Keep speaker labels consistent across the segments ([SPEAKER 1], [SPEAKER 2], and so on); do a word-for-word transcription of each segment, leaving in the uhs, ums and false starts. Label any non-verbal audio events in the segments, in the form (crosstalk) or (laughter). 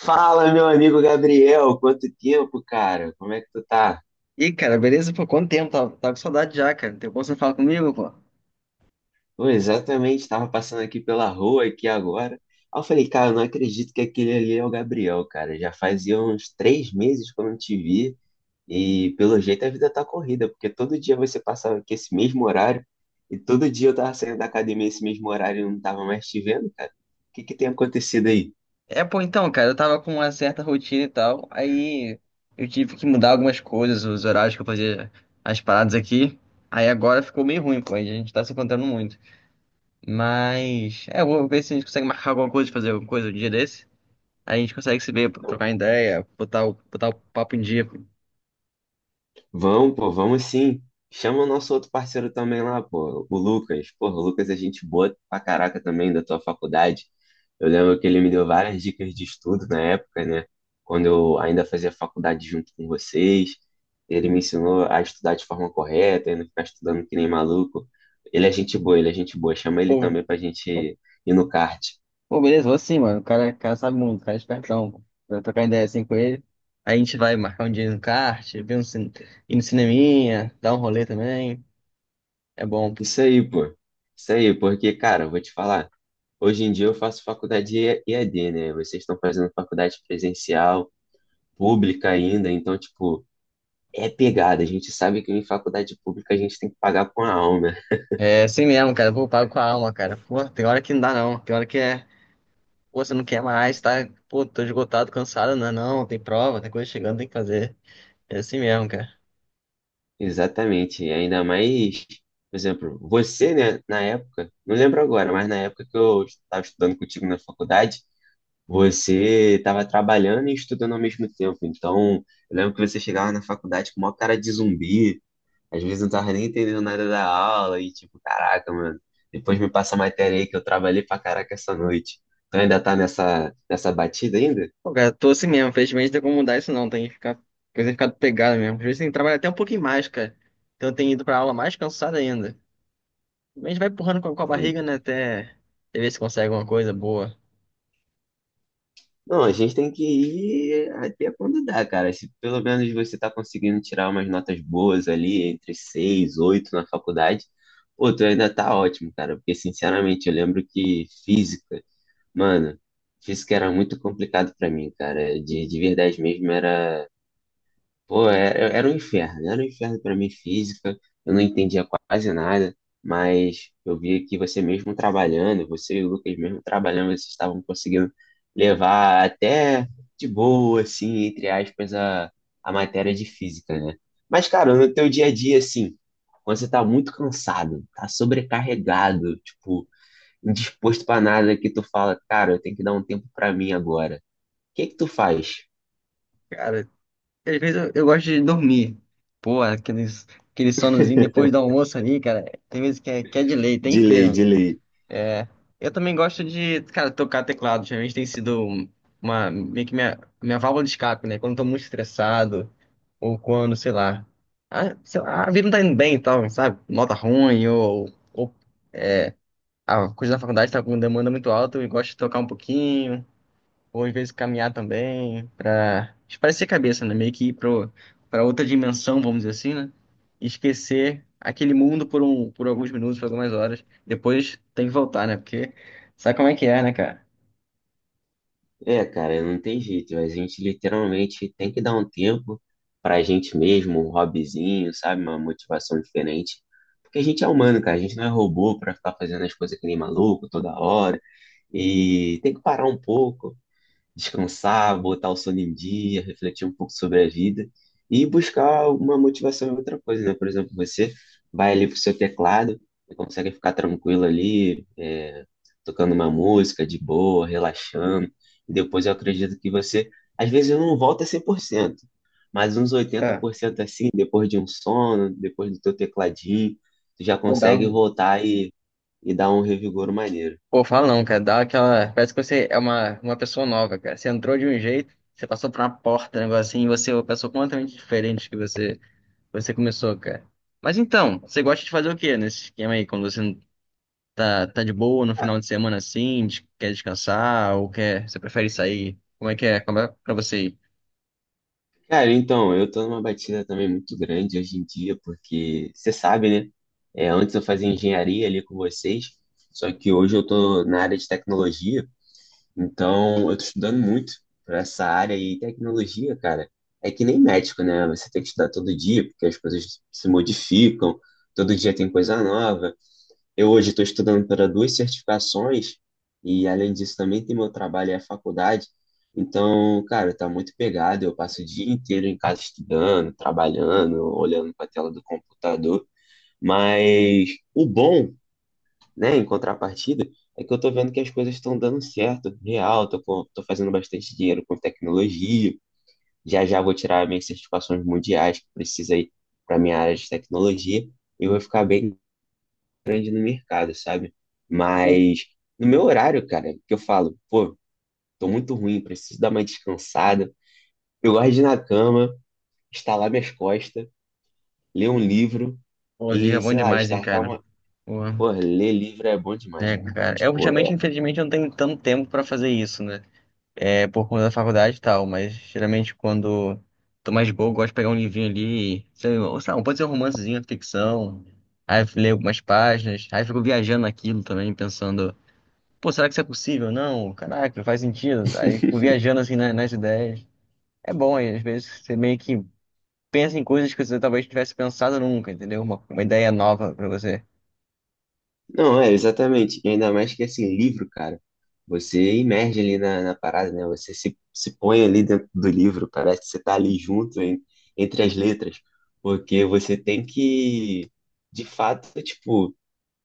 [SPEAKER 1] Fala, meu amigo Gabriel, quanto tempo, cara? Como é que tu tá?
[SPEAKER 2] Ih, cara, beleza? Pô, quanto tempo? Tava, tava com saudade já, cara. Tem como você falar comigo, pô?
[SPEAKER 1] Pô, exatamente, estava passando aqui pela rua aqui agora. Aí eu falei, cara, eu não acredito que aquele ali é o Gabriel, cara. Já fazia uns três meses que eu não te vi e pelo jeito a vida tá corrida, porque todo dia você passava aqui esse mesmo horário e todo dia eu tava saindo da academia esse mesmo horário e não tava mais te vendo, cara. O que que tem acontecido aí?
[SPEAKER 2] É, pô, então, cara, eu tava com uma certa rotina e tal. Aí eu tive que mudar algumas coisas, os horários que eu fazia as paradas aqui. Aí agora ficou meio ruim, pô. A gente tá se encontrando muito. Mas, é, eu vou ver se a gente consegue marcar alguma coisa, fazer alguma coisa um dia desse. Aí a gente consegue se ver, trocar ideia, botar o, botar o papo em dia.
[SPEAKER 1] Vamos, pô, vamos sim. Chama o nosso outro parceiro também lá, pô, o Lucas. Porra, o Lucas é gente boa pra caraca também da tua faculdade. Eu lembro que ele me deu várias dicas de estudo na época, né? Quando eu ainda fazia faculdade junto com vocês. Ele me ensinou a estudar de forma correta e não ficar estudando que nem maluco. Ele é gente boa, ele é gente boa. Chama ele
[SPEAKER 2] Pô,
[SPEAKER 1] também pra gente ir no kart.
[SPEAKER 2] Pô, beleza, vou sim, mano. O cara, o cara sabe muito, o cara é espertão. Pô. Pra trocar ideia assim com ele. Aí a gente vai marcar um dia no kart, ver um cine... ir no cineminha, dar um rolê também. É bom. Pô.
[SPEAKER 1] Isso aí, pô. Isso aí, porque, cara, eu vou te falar. Hoje em dia eu faço faculdade E- EAD, né? Vocês estão fazendo faculdade presencial, pública ainda, então, tipo, é pegada. A gente sabe que em faculdade pública a gente tem que pagar com a alma. (laughs)
[SPEAKER 2] É assim mesmo, cara. Pô, eu pago com a alma, cara. Pô, tem hora que não dá não. Tem hora que é. Pô, você não quer mais, tá? Pô, tô esgotado, cansado. Não, é não, tem prova, tem coisa chegando, tem que fazer. É assim mesmo, cara.
[SPEAKER 1] Exatamente. E ainda mais, por exemplo, você, né, na época, não lembro agora, mas na época que eu estava estudando contigo na faculdade, você estava trabalhando e estudando ao mesmo tempo. Então, eu lembro que você chegava na faculdade com uma cara de zumbi. Às vezes eu não tava nem entendendo nada da aula e tipo, caraca, mano, depois me passa a matéria aí que eu trabalhei pra caraca essa noite. Então ainda tá nessa, nessa batida ainda?
[SPEAKER 2] Pô, cara, tô assim mesmo. Felizmente não tem como mudar isso não. Tem que ficar. Coisa tem ficado pegada mesmo. Às vezes tem que trabalhar até um pouquinho mais, cara. Então eu tenho ido pra aula mais cansado ainda. A gente vai empurrando com a, com a
[SPEAKER 1] Pô,
[SPEAKER 2] barriga, né? Até ver se consegue alguma coisa boa.
[SPEAKER 1] não, a gente tem que ir até quando dá, cara. Se pelo menos você tá conseguindo tirar umas notas boas ali, entre seis, oito na faculdade, pô, tu ainda tá ótimo, cara. Porque, sinceramente, eu lembro que física, mano, física era muito complicado pra mim, cara. De, de verdade mesmo, era. Pô, era, era um inferno, era um inferno para mim física, eu não entendia quase nada, mas eu via que você mesmo trabalhando, você e o Lucas mesmo trabalhando, vocês estavam conseguindo levar até de boa, assim, entre aspas, a, a matéria de física, né? Mas, cara, no teu dia a dia, assim, quando você tá muito cansado, tá sobrecarregado, tipo, indisposto para nada, que tu fala, cara, eu tenho que dar um tempo para mim agora. O que é que tu faz?
[SPEAKER 2] Cara, às vezes eu, eu gosto de dormir. Pô, aqueles, aquele sonozinho depois do almoço ali, cara. Tem vezes que é, que é de lei, tem
[SPEAKER 1] De lei, de
[SPEAKER 2] inteiro.
[SPEAKER 1] lei.
[SPEAKER 2] É, eu também gosto de, cara, tocar teclado. Geralmente tem sido uma, meio que minha, minha válvula de escape, né? Quando eu tô muito estressado, ou quando, sei lá. A, sei lá, a vida não tá indo bem e tal, sabe? Nota ruim, ou, ou a coisa da faculdade tá com demanda muito alta, eu gosto de tocar um pouquinho. Ou às vezes caminhar também para espairecer a cabeça, né? Meio que ir pro, para outra dimensão, vamos dizer assim, né? E esquecer aquele mundo por, um, por alguns minutos, por algumas horas. Depois tem que voltar, né? Porque sabe como é que é, né, cara?
[SPEAKER 1] É, cara, não tem jeito. A gente literalmente tem que dar um tempo pra gente mesmo, um hobbyzinho, sabe? Uma motivação diferente. Porque a gente é humano, cara. A gente não é robô pra ficar fazendo as coisas que nem maluco toda hora. E tem que parar um pouco, descansar, botar o sono em dia, refletir um pouco sobre a vida e buscar uma motivação em outra coisa, né? Por exemplo, você vai ali pro seu teclado e consegue ficar tranquilo ali, é, tocando uma música de boa, relaxando. E depois eu acredito que você, às vezes, não volta cem por cento, mas uns oitenta
[SPEAKER 2] É,
[SPEAKER 1] por cento assim, depois de um sono, depois do teu tecladinho, tu já
[SPEAKER 2] vou dar
[SPEAKER 1] consegue
[SPEAKER 2] um.
[SPEAKER 1] voltar e, e dar um revigor maneiro.
[SPEAKER 2] Pô, fala não, cara. Dá aquela. Parece que você é uma, uma pessoa nova, cara. Você entrou de um jeito, você passou por uma porta, um negócio assim, e você é uma pessoa completamente diferente que você, você começou, cara. Mas então, você gosta de fazer o quê nesse esquema aí, quando você Tá, tá de boa no
[SPEAKER 1] Ah,
[SPEAKER 2] final de semana assim? des- Quer descansar ou quer? Você prefere sair? Como é que é? Como é pra você ir?
[SPEAKER 1] cara, então, eu tô numa batida também muito grande hoje em dia, porque você sabe, né? É, antes eu fazia engenharia ali com vocês, só que hoje eu tô na área de tecnologia, então eu tô estudando muito pra essa área e tecnologia, cara, é que nem médico, né? Você tem que estudar todo dia, porque as coisas se modificam, todo dia tem coisa nova. Eu hoje estou estudando para duas certificações e, além disso, também tem meu trabalho e a faculdade. Então, cara, tá muito pegado. Eu passo o dia inteiro em casa estudando, trabalhando, olhando para a tela do computador. Mas o bom, né, em contrapartida, é que eu tô vendo que as coisas estão dando certo, real. Tô, com- tô fazendo bastante dinheiro com tecnologia. Já já vou tirar minhas certificações mundiais que precisa aí para minha área de tecnologia. E vou ficar bem grande no mercado, sabe?
[SPEAKER 2] Pô,
[SPEAKER 1] Mas no meu horário, cara, que eu falo, pô, tô muito ruim, preciso dar uma descansada. Eu gosto de ir na cama, estalar minhas costas, ler um livro
[SPEAKER 2] pô, liga é
[SPEAKER 1] e,
[SPEAKER 2] bom
[SPEAKER 1] sei lá,
[SPEAKER 2] demais, hein,
[SPEAKER 1] startar
[SPEAKER 2] cara?
[SPEAKER 1] uma.
[SPEAKER 2] Porra.
[SPEAKER 1] Pô, ler livro é bom
[SPEAKER 2] É,
[SPEAKER 1] demais, cara.
[SPEAKER 2] cara. Eu,
[SPEAKER 1] Tipo, é.
[SPEAKER 2] ultimamente, infelizmente, eu não tenho tanto tempo pra fazer isso, né? É por conta da faculdade e tal, mas geralmente quando tô mais de boa, eu gosto de pegar um livrinho ali, sei lá, ou sei lá, pode ser um romancezinho, ficção. Aí eu leio algumas páginas, aí eu fico viajando naquilo também, pensando, pô, será que isso é possível? Não, caraca, faz sentido. Aí fico
[SPEAKER 1] (laughs)
[SPEAKER 2] viajando assim na- nas ideias. É bom, e às vezes você meio que pensa em coisas que você talvez tivesse pensado nunca, entendeu? Uma, uma ideia nova pra você.
[SPEAKER 1] Não, é, exatamente. E ainda mais que, assim, livro, cara, você imerge ali na, na parada, né? Você se, se põe ali dentro do livro, parece que você tá ali junto, em- entre as letras, porque você tem que, de fato, tipo,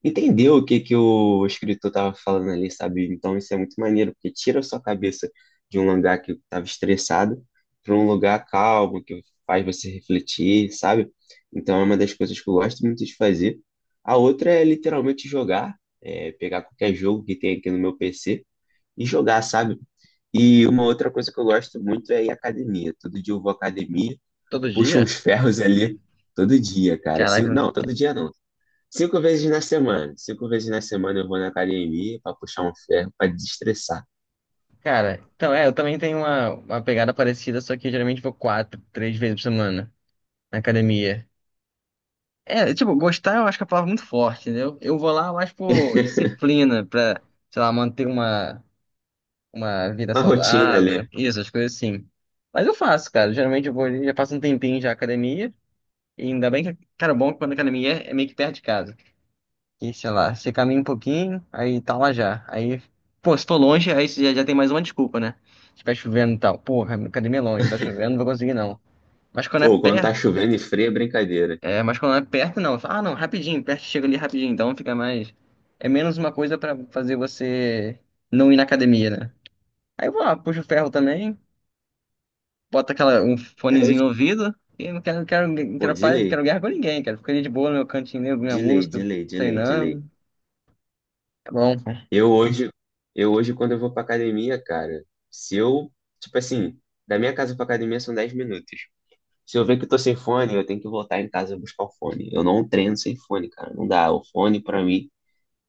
[SPEAKER 1] entendeu o que que o escritor tava falando ali, sabe? Então isso é muito maneiro, porque tira a sua cabeça de um lugar que estava estressado para um lugar calmo, que faz você refletir, sabe? Então é uma das coisas que eu gosto muito de fazer. A outra é literalmente jogar, é, pegar qualquer jogo que tem aqui no meu P C e jogar, sabe? E uma outra coisa que eu gosto muito é ir à academia. Todo dia eu vou à academia,
[SPEAKER 2] Todo
[SPEAKER 1] puxo
[SPEAKER 2] dia?
[SPEAKER 1] uns ferros ali todo dia, cara. Assim,
[SPEAKER 2] Caraca.
[SPEAKER 1] não, todo dia não. Cinco vezes na semana. Cinco vezes na semana eu vou na academia pra puxar um ferro, pra desestressar.
[SPEAKER 2] Cara, então é, eu também tenho uma, uma pegada parecida, só que eu geralmente vou quatro, três vezes por semana na academia. É, tipo, gostar eu acho que é a palavra muito forte, entendeu? Eu vou lá mais por
[SPEAKER 1] (laughs)
[SPEAKER 2] disciplina, pra, sei lá, manter uma, uma vida
[SPEAKER 1] Uma rotina
[SPEAKER 2] saudável,
[SPEAKER 1] ali.
[SPEAKER 2] isso, as coisas assim. Mas eu faço, cara. Geralmente eu vou ali, já passo um tempinho já na academia. E ainda bem que, cara, o bom é que quando a academia é, é meio que perto de casa. E sei lá, você caminha um pouquinho, aí tá lá já. Aí, pô, se tô longe, aí você já, já tem mais uma desculpa, né? Se tá chovendo e tal. Porra, a academia é longe, tá chovendo, não vou conseguir não. Mas quando é
[SPEAKER 1] Pô, quando tá
[SPEAKER 2] perto,
[SPEAKER 1] chovendo e frio é brincadeira.
[SPEAKER 2] é, mas quando é perto não. Fala, ah, não, rapidinho, perto chega ali rapidinho, então fica mais. É menos uma coisa pra fazer você não ir na academia, né? Aí eu vou lá, puxo o ferro também, bota aquela, um
[SPEAKER 1] É,
[SPEAKER 2] fonezinho
[SPEAKER 1] hoje,
[SPEAKER 2] no ouvido, e não quero, não quero, não
[SPEAKER 1] pô,
[SPEAKER 2] quero,
[SPEAKER 1] de
[SPEAKER 2] pa- não quero
[SPEAKER 1] lei,
[SPEAKER 2] guerra com ninguém, cara. Fico ali de boa no meu cantinho, ouvindo minha
[SPEAKER 1] de lei, de
[SPEAKER 2] música,
[SPEAKER 1] lei, de lei, de lei.
[SPEAKER 2] treinando. É bom.
[SPEAKER 1] Eu hoje, eu hoje quando eu vou pra academia, cara, se eu, tipo assim, da minha casa pra academia são dez minutos. Se eu ver que eu tô sem fone, eu tenho que voltar em casa buscar o fone. Eu não treino sem fone, cara, não dá. O fone pra mim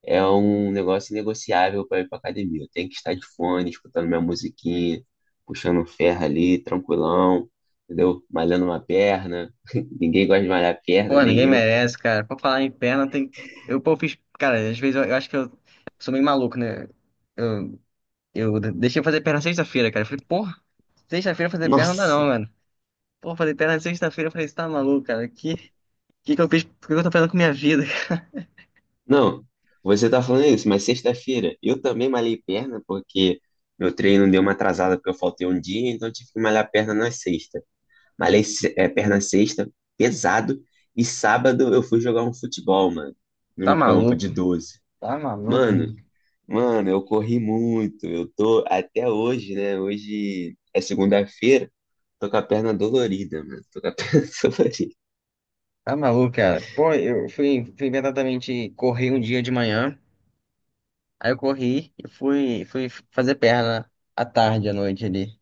[SPEAKER 1] é um negócio negociável para ir para academia. Eu tenho que estar de fone, escutando minha musiquinha, puxando um ferro ali, tranquilão, entendeu? Malhando uma perna. (laughs) Ninguém gosta de malhar a perna,
[SPEAKER 2] Pô, ninguém
[SPEAKER 1] nem eu.
[SPEAKER 2] merece, cara. Pra falar em perna, tem. Eu, pô, fiz. Cara, às vezes eu, eu acho que eu sou meio maluco, né? Eu, eu deixei fazer perna sexta-feira, cara. Eu falei, porra, sexta-feira fazer perna não dá
[SPEAKER 1] Nossa!
[SPEAKER 2] não, mano. Pô, fazer perna sexta-feira, eu falei, você tá maluco, cara? Que, que que eu fiz? O que eu tô fazendo com minha vida? (laughs) Cara?
[SPEAKER 1] Não, você tá falando isso, mas sexta-feira eu também malhei perna porque meu treino deu uma atrasada porque eu faltei um dia, então eu tive que malhar perna na sexta. Malhei se- eh, perna sexta, pesado, e sábado eu fui jogar um futebol, mano,
[SPEAKER 2] Tá
[SPEAKER 1] num campo
[SPEAKER 2] maluco?
[SPEAKER 1] de doze.
[SPEAKER 2] Tá maluco?
[SPEAKER 1] Mano, mano, eu corri muito. Eu tô até hoje, né? Hoje é segunda-feira. Tô com a perna dolorida, mano. Tô com a (laughs) perna dolorida.
[SPEAKER 2] Tá maluco, cara. Pô, eu fui, fui imediatamente correr um dia de manhã. Aí eu corri e fui, fui fazer perna à tarde, à noite ali.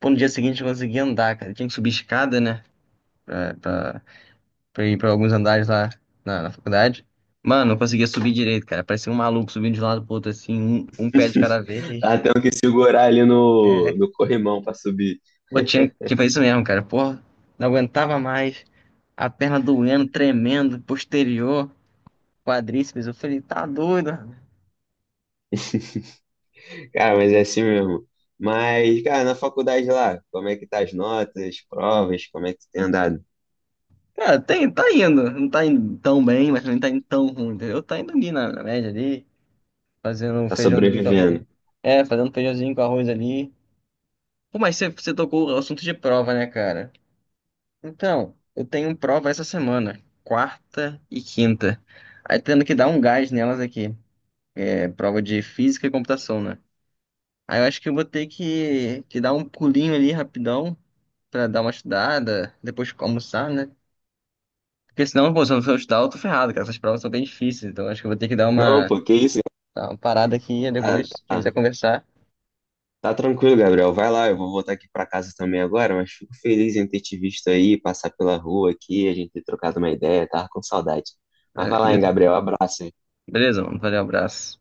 [SPEAKER 2] Pô, no dia seguinte eu consegui andar, cara. Eu tinha que subir escada, né? pra, pra, pra ir pra alguns andares lá na, na faculdade. Mano, não conseguia subir direito, cara. Parecia um maluco subindo de um lado pro outro, assim, um, um pé de cada vez.
[SPEAKER 1] Tava tendo que segurar ali no,
[SPEAKER 2] É,
[SPEAKER 1] no corrimão pra subir.
[SPEAKER 2] pô, tinha, tinha foi isso mesmo, cara. Porra, não aguentava mais. A perna doendo, tremendo, posterior, quadríceps. Eu falei, tá doido. Rapaz.
[SPEAKER 1] Cara, mas é assim mesmo. Mas, cara, na faculdade lá, como é que tá as notas, provas, como é que tu tem andado?
[SPEAKER 2] Cara, tem, tá indo. Não tá indo tão bem, mas também não tá indo tão ruim, entendeu? Tá indo ali na, na média ali, fazendo um
[SPEAKER 1] Tá
[SPEAKER 2] feijãozinho com arroz.
[SPEAKER 1] sobrevivendo?
[SPEAKER 2] É, fazendo um feijãozinho com arroz ali. Pô, mas você, você tocou o assunto de prova, né, cara? Então, eu tenho prova essa semana, quarta e quinta. Aí tendo que dar um gás nelas aqui. É prova de física e computação, né? Aí eu acho que eu vou ter que, que dar um pulinho ali rapidão pra dar uma estudada, depois almoçar, né? Porque senão, pô, se eu não for estudar, eu tô ferrado, cara. Essas provas são bem difíceis, então acho que eu vou ter que dar
[SPEAKER 1] Não,
[SPEAKER 2] uma,
[SPEAKER 1] pô, que isso?
[SPEAKER 2] dar uma parada aqui e
[SPEAKER 1] Tá,
[SPEAKER 2] depois, se quiser
[SPEAKER 1] tá.
[SPEAKER 2] conversar.
[SPEAKER 1] Tá tranquilo, Gabriel. Vai lá, eu vou voltar aqui pra casa também agora, mas fico feliz em ter te visto aí, passar pela rua aqui, a gente ter trocado uma ideia, tava com saudade.
[SPEAKER 2] É
[SPEAKER 1] Mas vai lá, hein,
[SPEAKER 2] isso.
[SPEAKER 1] Gabriel. Abraço, hein?
[SPEAKER 2] Beleza, mano. Valeu, abraço.